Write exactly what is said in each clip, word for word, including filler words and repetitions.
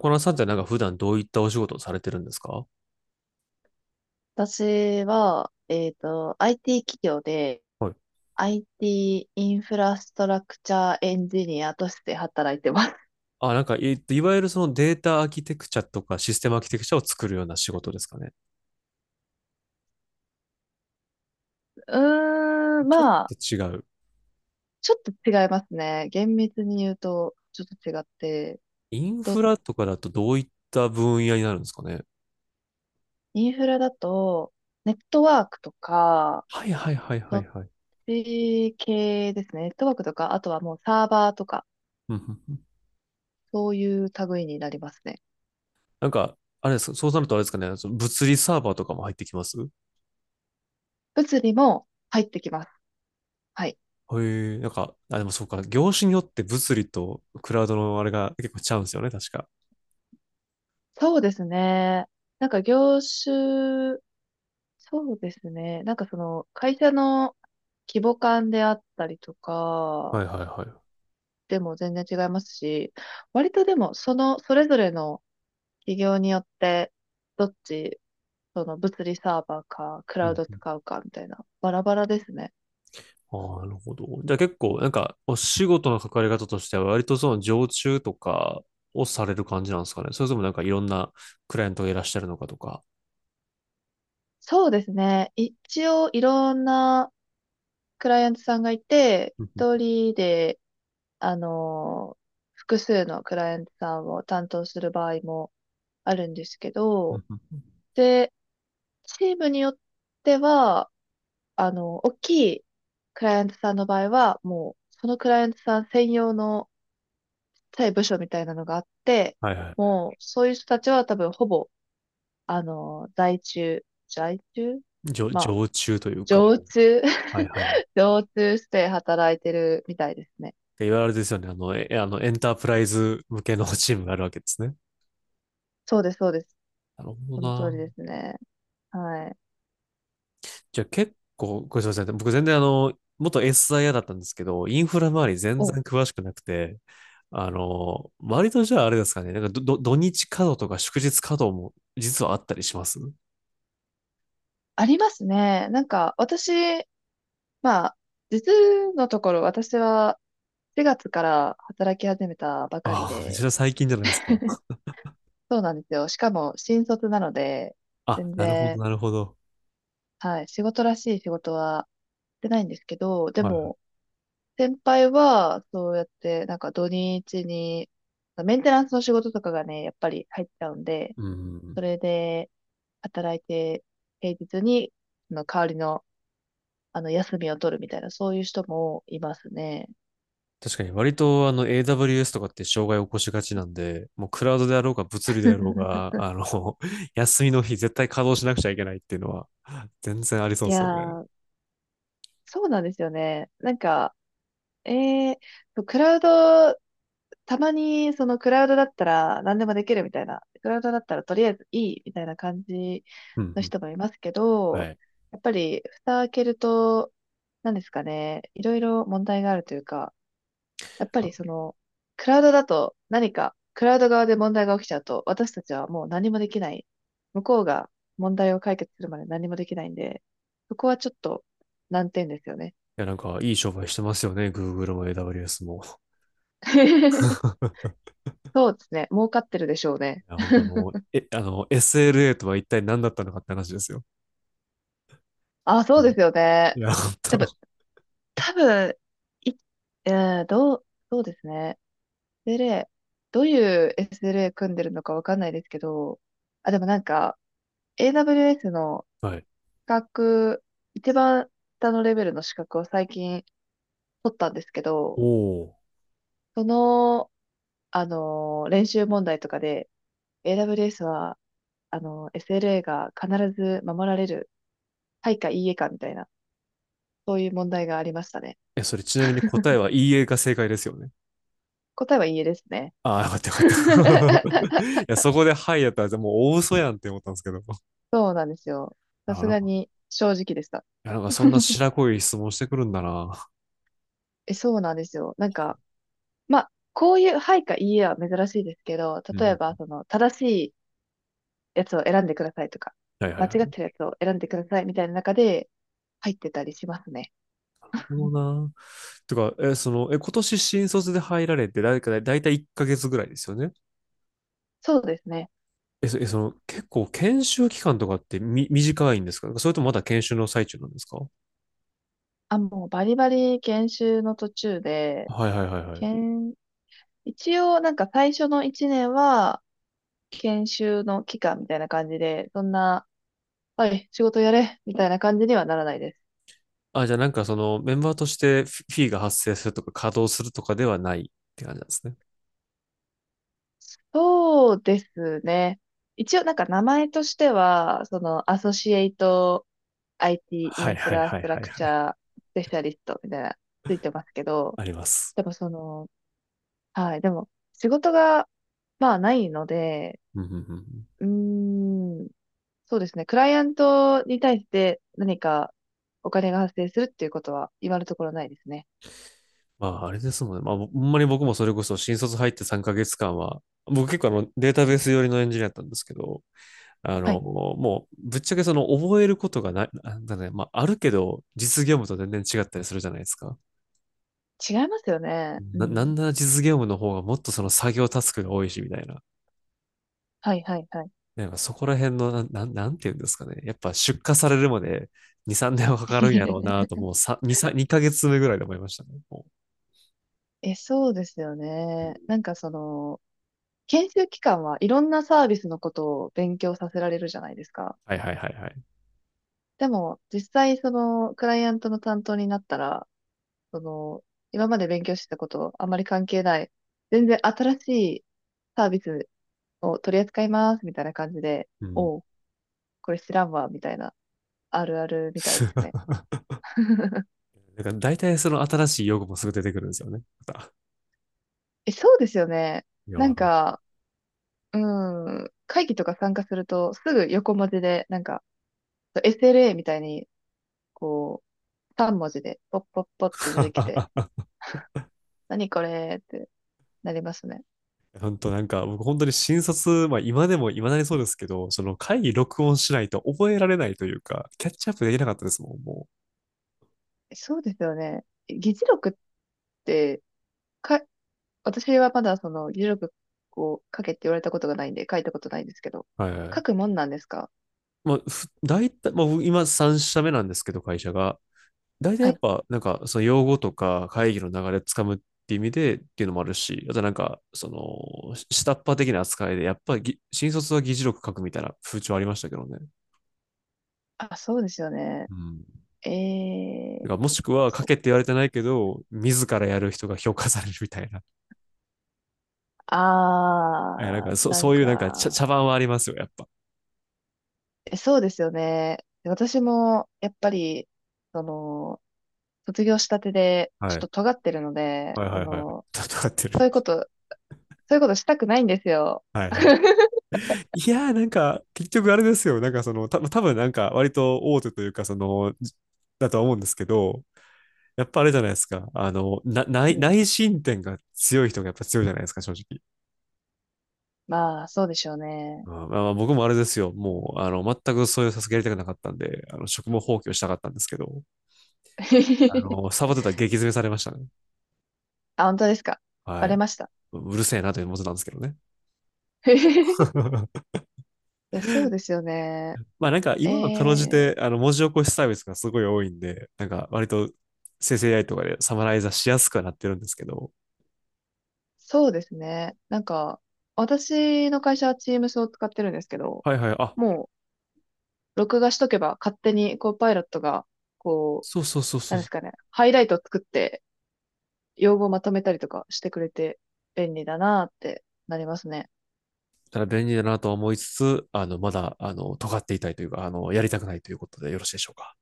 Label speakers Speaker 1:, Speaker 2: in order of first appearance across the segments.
Speaker 1: このさんってなんか普段どういったお仕事をされてるんですか？
Speaker 2: 私は、えっと、アイティー 企業で
Speaker 1: はい。
Speaker 2: IT イティーインフラストラクチャーエンジニアとして働いてます。
Speaker 1: あ、なんか、いいわゆるそのデータアーキテクチャとかシステムアーキテクチャを作るような仕事ですかね。
Speaker 2: うーん、
Speaker 1: ちょっ
Speaker 2: まあ、
Speaker 1: と違う。
Speaker 2: ちょっと違いますね。厳密に言うと、ちょっと違って。
Speaker 1: イン
Speaker 2: と、
Speaker 1: フラとかだとどういった分野になるんですかね。
Speaker 2: インフラだと、ネットワークとか、
Speaker 1: はいはいはいは
Speaker 2: そ
Speaker 1: い
Speaker 2: っ
Speaker 1: はい。
Speaker 2: ち系ですね。ネットワークとか、あとはもうサーバーとか、
Speaker 1: うんうんうん。
Speaker 2: そういう類になりますね。
Speaker 1: なんか、あれですか、そうなるとあれですかね、その物理サーバーとかも入ってきます？
Speaker 2: 物理も入ってきます。はい。
Speaker 1: へ。え、なんか、あ、でもそうか、業種によって物理とクラウドのあれが結構ちゃうんですよね、確か。
Speaker 2: そうですね。なんか業種、そうですね。なんかその、会社の規模感であったりと
Speaker 1: は
Speaker 2: か、
Speaker 1: いはいはい。
Speaker 2: でも全然違いますし、割とでも、その、それぞれの企業によって、どっち、その物理サーバーか、ク
Speaker 1: う
Speaker 2: ラウ
Speaker 1: ん
Speaker 2: ド
Speaker 1: うん。
Speaker 2: 使うかみたいな、バラバラですね。
Speaker 1: ああ、なるほど。じゃあ結構、なんか、お仕事の関わり方としては、割とその常駐とかをされる感じなんですかね。それともなんかいろんなクライアントがいらっしゃるのかとか。
Speaker 2: そうですね。一応、いろんなクライアントさんがいて、
Speaker 1: うんう
Speaker 2: 一
Speaker 1: ん
Speaker 2: 人で、あの、複数のクライアントさんを担当する場合もあるんですけ
Speaker 1: う
Speaker 2: ど、
Speaker 1: んうん。
Speaker 2: で、チームによっては、あの、大きいクライアントさんの場合は、もう、そのクライアントさん専用のちっちゃい部署みたいなのがあって、
Speaker 1: はいはい。
Speaker 2: もう、そういう人たちは多分、ほぼ、あの、在中、在中
Speaker 1: 常
Speaker 2: まあ、
Speaker 1: 常駐というか、
Speaker 2: 常
Speaker 1: もう、
Speaker 2: 駐、
Speaker 1: はいはい。っ
Speaker 2: 常駐して働いてるみたいですね。
Speaker 1: ていわゆるですよね。あの、えあのエンタープライズ向けのチームがあるわけですね。
Speaker 2: そうです、そうです。
Speaker 1: なるほど
Speaker 2: その通り
Speaker 1: な。
Speaker 2: ですね。はい。
Speaker 1: じゃあ結構、ごめんなさい。僕全然あの、元 エスアイエー だったんですけど、インフラ周り全
Speaker 2: お、
Speaker 1: 然詳しくなくて、あの、割とじゃああれですかね、なんかどど土日稼働とか祝日稼働も実はあったりします？
Speaker 2: ありますね。なんか、私、まあ、実のところ、私は、しがつから働き始めたばかり
Speaker 1: ああ、めち
Speaker 2: で、
Speaker 1: ゃ最近じゃないですか。
Speaker 2: そうなんですよ。しかも新卒なので、
Speaker 1: あ、
Speaker 2: 全
Speaker 1: なるほど、
Speaker 2: 然、
Speaker 1: なるほど。
Speaker 2: はい、仕事らしい仕事はしてないんですけど、で
Speaker 1: はい。
Speaker 2: も、先輩は、そうやって、なんか土日に、メンテナンスの仕事とかがね、やっぱり入っちゃうんで、
Speaker 1: うん。
Speaker 2: それで働いて、平日に、その代わりの、あの、休みを取るみたいな、そういう人もいますね。
Speaker 1: 確かに割とあの エーダブリューエス とかって障害を起こしがちなんで、もうクラウドであろうが物理であろうが、あの、休みの日絶対稼働しなくちゃいけないっていうのは全然ありそう
Speaker 2: い
Speaker 1: です
Speaker 2: や
Speaker 1: よね。
Speaker 2: ー、そうなんですよね。なんか、ええクラウド、たまにそのクラウドだったら何でもできるみたいな、クラウドだったらとりあえずいいみたいな感じ
Speaker 1: うんう
Speaker 2: の
Speaker 1: ん。
Speaker 2: 人もいますけ
Speaker 1: は
Speaker 2: ど、
Speaker 1: い。
Speaker 2: やっぱり蓋開けると、何ですかね、いろいろ問題があるというか、やっぱ
Speaker 1: あ。
Speaker 2: り
Speaker 1: い
Speaker 2: その、クラウドだと何か、クラウド側で問題が起きちゃうと、私たちはもう何もできない。向こうが問題を解決するまで何もできないんで、そこはちょっと難点ですよね。
Speaker 1: や、なんかいい商売してますよね。Google も エーダブリューエス も。
Speaker 2: そうですね、儲かってるでしょうね。
Speaker 1: いや、本当あの、え、あの、エスエルエー とは一体何だったのかって話ですよ。
Speaker 2: あ、そうですよね。
Speaker 1: いや、本
Speaker 2: でも、
Speaker 1: 当。
Speaker 2: 多分、い、えー、どう、そうですね。エスエルエー、どういう エスエルエー 組んでるのかわかんないですけど、あ、でもなんか、エーダブリューエス の
Speaker 1: はい。
Speaker 2: 資格、一番下のレベルの資格を最近取ったんですけ
Speaker 1: お
Speaker 2: ど、
Speaker 1: お。
Speaker 2: その、あのー、練習問題とかで、エーダブリューエス は、あの、エスエルエー が必ず守られる、はいかいいえかみたいな、そういう問題がありましたね。
Speaker 1: え、それちなみに答えは イーエー が正解ですよね。
Speaker 2: 答えはいいえですね。
Speaker 1: ああ、よかったよかった。いや、そこではいやったら、もう大嘘やんって思ったんですけど。
Speaker 2: そうなんですよ。さ
Speaker 1: あ、
Speaker 2: す
Speaker 1: なん
Speaker 2: が
Speaker 1: か、
Speaker 2: に正直でした。
Speaker 1: いや、なんかそんな白濃い質問してくるんだな。
Speaker 2: え、そうなんですよ。なんか、まあ、こういうはいかいいえは珍しいですけど、
Speaker 1: う
Speaker 2: 例え
Speaker 1: ん。
Speaker 2: ば、その、正しいやつを選んでくださいとか、
Speaker 1: はいはい
Speaker 2: 間
Speaker 1: はい。な
Speaker 2: 違っ
Speaker 1: る
Speaker 2: てるやつを選んでくださいみたいな中で入ってたりしますね。
Speaker 1: ほどな。てか、え、その、え、今年新卒で入られて、だいたい、だいたいいっかげつぐらいですよね。
Speaker 2: そうですね。
Speaker 1: え、そえその、結構研修期間とかってみ、短いんですか？それともまだ研修の最中なんですか？
Speaker 2: あ、もうバリバリ研修の途中で、
Speaker 1: はいはいはいはい。
Speaker 2: 研、一応なんか最初のいちねんは研修の期間みたいな感じで、そんな、はい、仕事やれみたいな感じにはならないです。
Speaker 1: あ、じゃあなんかその、メンバーとしてフィフィーが発生するとか、稼働するとかではないって感じなんですね。
Speaker 2: そうですね。一応なんか名前としては、そのアソシエイト IT イティー
Speaker 1: は
Speaker 2: イ
Speaker 1: い
Speaker 2: ンフ
Speaker 1: はい
Speaker 2: ラス
Speaker 1: はい
Speaker 2: トラ
Speaker 1: はい
Speaker 2: クチ
Speaker 1: はい。
Speaker 2: ャースペシャリストみたいなついてますけど、
Speaker 1: あります。
Speaker 2: でもその、はい、でも仕事がまあないので、
Speaker 1: うんうんうんうん。
Speaker 2: うーん、そうですね。クライアントに対して何かお金が発生するっていうことは今のところないですね。
Speaker 1: まあ、あれですもんね。まあ、ほんまに僕もそれこそ新卒入ってさんかげつかんは、僕結構あのデータベース寄りのエンジニアだったんですけど、あ
Speaker 2: は
Speaker 1: の、
Speaker 2: い。
Speaker 1: もう、ぶっちゃけその覚えることがない、なんだね、まあ、あるけど、実業務と全然違ったりするじゃないですか。
Speaker 2: 違いますよね。う
Speaker 1: な、な
Speaker 2: ん。
Speaker 1: んなら実業務の方がもっとその作業タスクが多いし、みたいな。
Speaker 2: はいはいはい。
Speaker 1: なんかそこら辺の、なん、なんなんていうんですかね。やっぱ出荷されるまでに、さんねんはかかるんやろうな と、もうさに、さん、にかげつめぐらいで思いましたね。もう。
Speaker 2: え、そうですよね。なんかその、研修期間はいろんなサービスのことを勉強させられるじゃないですか。
Speaker 1: はいはいはいはい。
Speaker 2: でも、実際そのクライアントの担当になったら、その、今まで勉強してたことあまり関係ない、全然新しいサービスを取り扱いますみたいな感じで、
Speaker 1: うん。
Speaker 2: おう、これ知らんわ、みたいな、あるあるみたいですね。
Speaker 1: なんか大体その新しい用語もすぐ出てくるんですよね。また。
Speaker 2: え、そうですよね。
Speaker 1: いや、な
Speaker 2: なん
Speaker 1: ん。
Speaker 2: か、うん、会議とか参加すると、すぐ横文字で、なんか、エスエルエー みたいに、こう、さん文字で、ポッポッポって出てきて、
Speaker 1: か
Speaker 2: 何これってなりますね。
Speaker 1: 本当なんか、僕本当に新卒、まあ今でも今だにそうですけど、その会議録音しないと覚えられないというか、キャッチアップできなかったですもん、も
Speaker 2: そうですよね。議事録って、か、私はまだその議事録を書けって言われたことがないんで、書いたことないんですけど、
Speaker 1: う。はいは
Speaker 2: 書
Speaker 1: い。
Speaker 2: くもんなんですか。
Speaker 1: まあ、大体、まあ僕今さん社目なんですけど、会社が。大体や
Speaker 2: は
Speaker 1: っ
Speaker 2: い。
Speaker 1: ぱ、なんか、その用語とか会議の流れつかむっていう意味でっていうのもあるし、あとなんか、その、下っ端的な扱いで、やっぱり新卒は議事録書くみたいな風潮ありましたけどね。
Speaker 2: あ、そうですよね。
Speaker 1: うん。
Speaker 2: え
Speaker 1: だから
Speaker 2: え
Speaker 1: もし
Speaker 2: ー、
Speaker 1: くは、賭
Speaker 2: そ、
Speaker 1: けって言われてないけど、自らやる人が評価されるみたいな。え、なん
Speaker 2: あ
Speaker 1: か
Speaker 2: ー、
Speaker 1: そ、
Speaker 2: なん
Speaker 1: そういうなんか茶、
Speaker 2: か、
Speaker 1: 茶番はありますよ、やっぱ。
Speaker 2: えそうですよね。私も、やっぱり、その、卒業したてで、ちょっ
Speaker 1: はい。
Speaker 2: と尖ってるので、
Speaker 1: はい
Speaker 2: そ
Speaker 1: はいはい。
Speaker 2: の、
Speaker 1: 戦ってる。
Speaker 2: そういうことそういうことしたくないんですよ。
Speaker 1: はいはい。いやー、なんか、結局あれですよ。なんかその、た多分なんか、割と大手というか、その、だとは思うんですけど、やっぱあれじゃないですか。あの、な内
Speaker 2: うん。
Speaker 1: 内申点が強い人がやっぱ強いじゃないですか、正直。
Speaker 2: まあ、そうでしょうね。
Speaker 1: うん。まあまあ、僕もあれですよ。もう、あの、全くそういうさすがやりたくなかったんで、あの、職務放棄をしたかったんですけど、あの、サボってたら激詰めされましたね。
Speaker 2: あ、本当ですか。
Speaker 1: は
Speaker 2: バレ
Speaker 1: い。
Speaker 2: ました。
Speaker 1: うるせえなという文字なんですけどね。
Speaker 2: い や、そうですよね。
Speaker 1: まあなんか
Speaker 2: え
Speaker 1: 今はかろうじて
Speaker 2: ー、
Speaker 1: あの文字起こしサービスがすごい多いんで、なんか割と生成 エーアイ とかでサマライザーしやすくはなってるんですけど、
Speaker 2: そうですね。なんか、私の会社は Teams を使ってるんですけど、
Speaker 1: はいはい、あ、
Speaker 2: もう、録画しとけば勝手に、こう、パイロットが、こう、
Speaker 1: そうそうそうそ
Speaker 2: なん
Speaker 1: う、
Speaker 2: で
Speaker 1: だ
Speaker 2: すかね、ハイライトを作って、用語をまとめたりとかしてくれて、便利だなーってなりますね。
Speaker 1: から便利だなとは思いつつ、あの、まだ、あの、尖っていたいというか、あの、やりたくないということでよろしいでしょうか。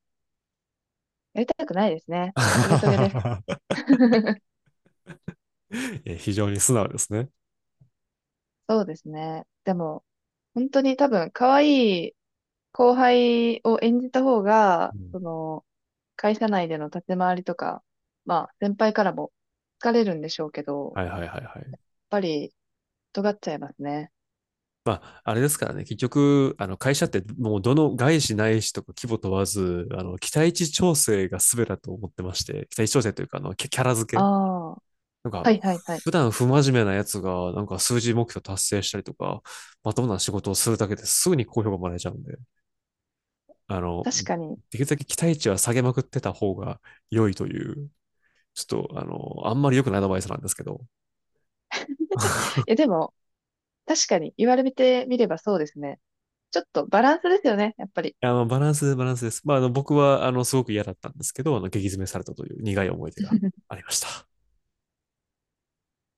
Speaker 2: やりたくないですね。トゲトゲです。
Speaker 1: え、非常に素直ですね。
Speaker 2: そうですね。でも、本当に多分、可愛い後輩を演じた方が、
Speaker 1: うん。
Speaker 2: その、会社内での立ち回りとか、まあ、先輩からも好かれるんでしょうけど、
Speaker 1: はい
Speaker 2: や
Speaker 1: はいはいはい。
Speaker 2: っぱり、尖っちゃいますね。
Speaker 1: まあ、あれですからね、結局、あの会社ってもうどの外資ないしとか規模問わず、あの期待値調整が全てだと思ってまして、期待値調整というかあのキャキャラ付
Speaker 2: あ
Speaker 1: け、
Speaker 2: あ、は
Speaker 1: なんか、
Speaker 2: いはいはい。
Speaker 1: 普段不真面目なやつがなんか数字目標達成したりとか、まともな仕事をするだけですぐに好評がもらえちゃうんで、あの、
Speaker 2: 確かに。
Speaker 1: できるだけ期待値は下げまくってた方が良いという、ちょっとあの、あんまり良くないアドバイスなんですけど、
Speaker 2: え、でも、確かに、言われてみればそうですね。ちょっとバランスですよね、やっぱり。
Speaker 1: あの、バランス、バランスです。まあ、あの、僕は、あの、すごく嫌だったんですけど、あの、激詰めされたという苦い思い出がありました。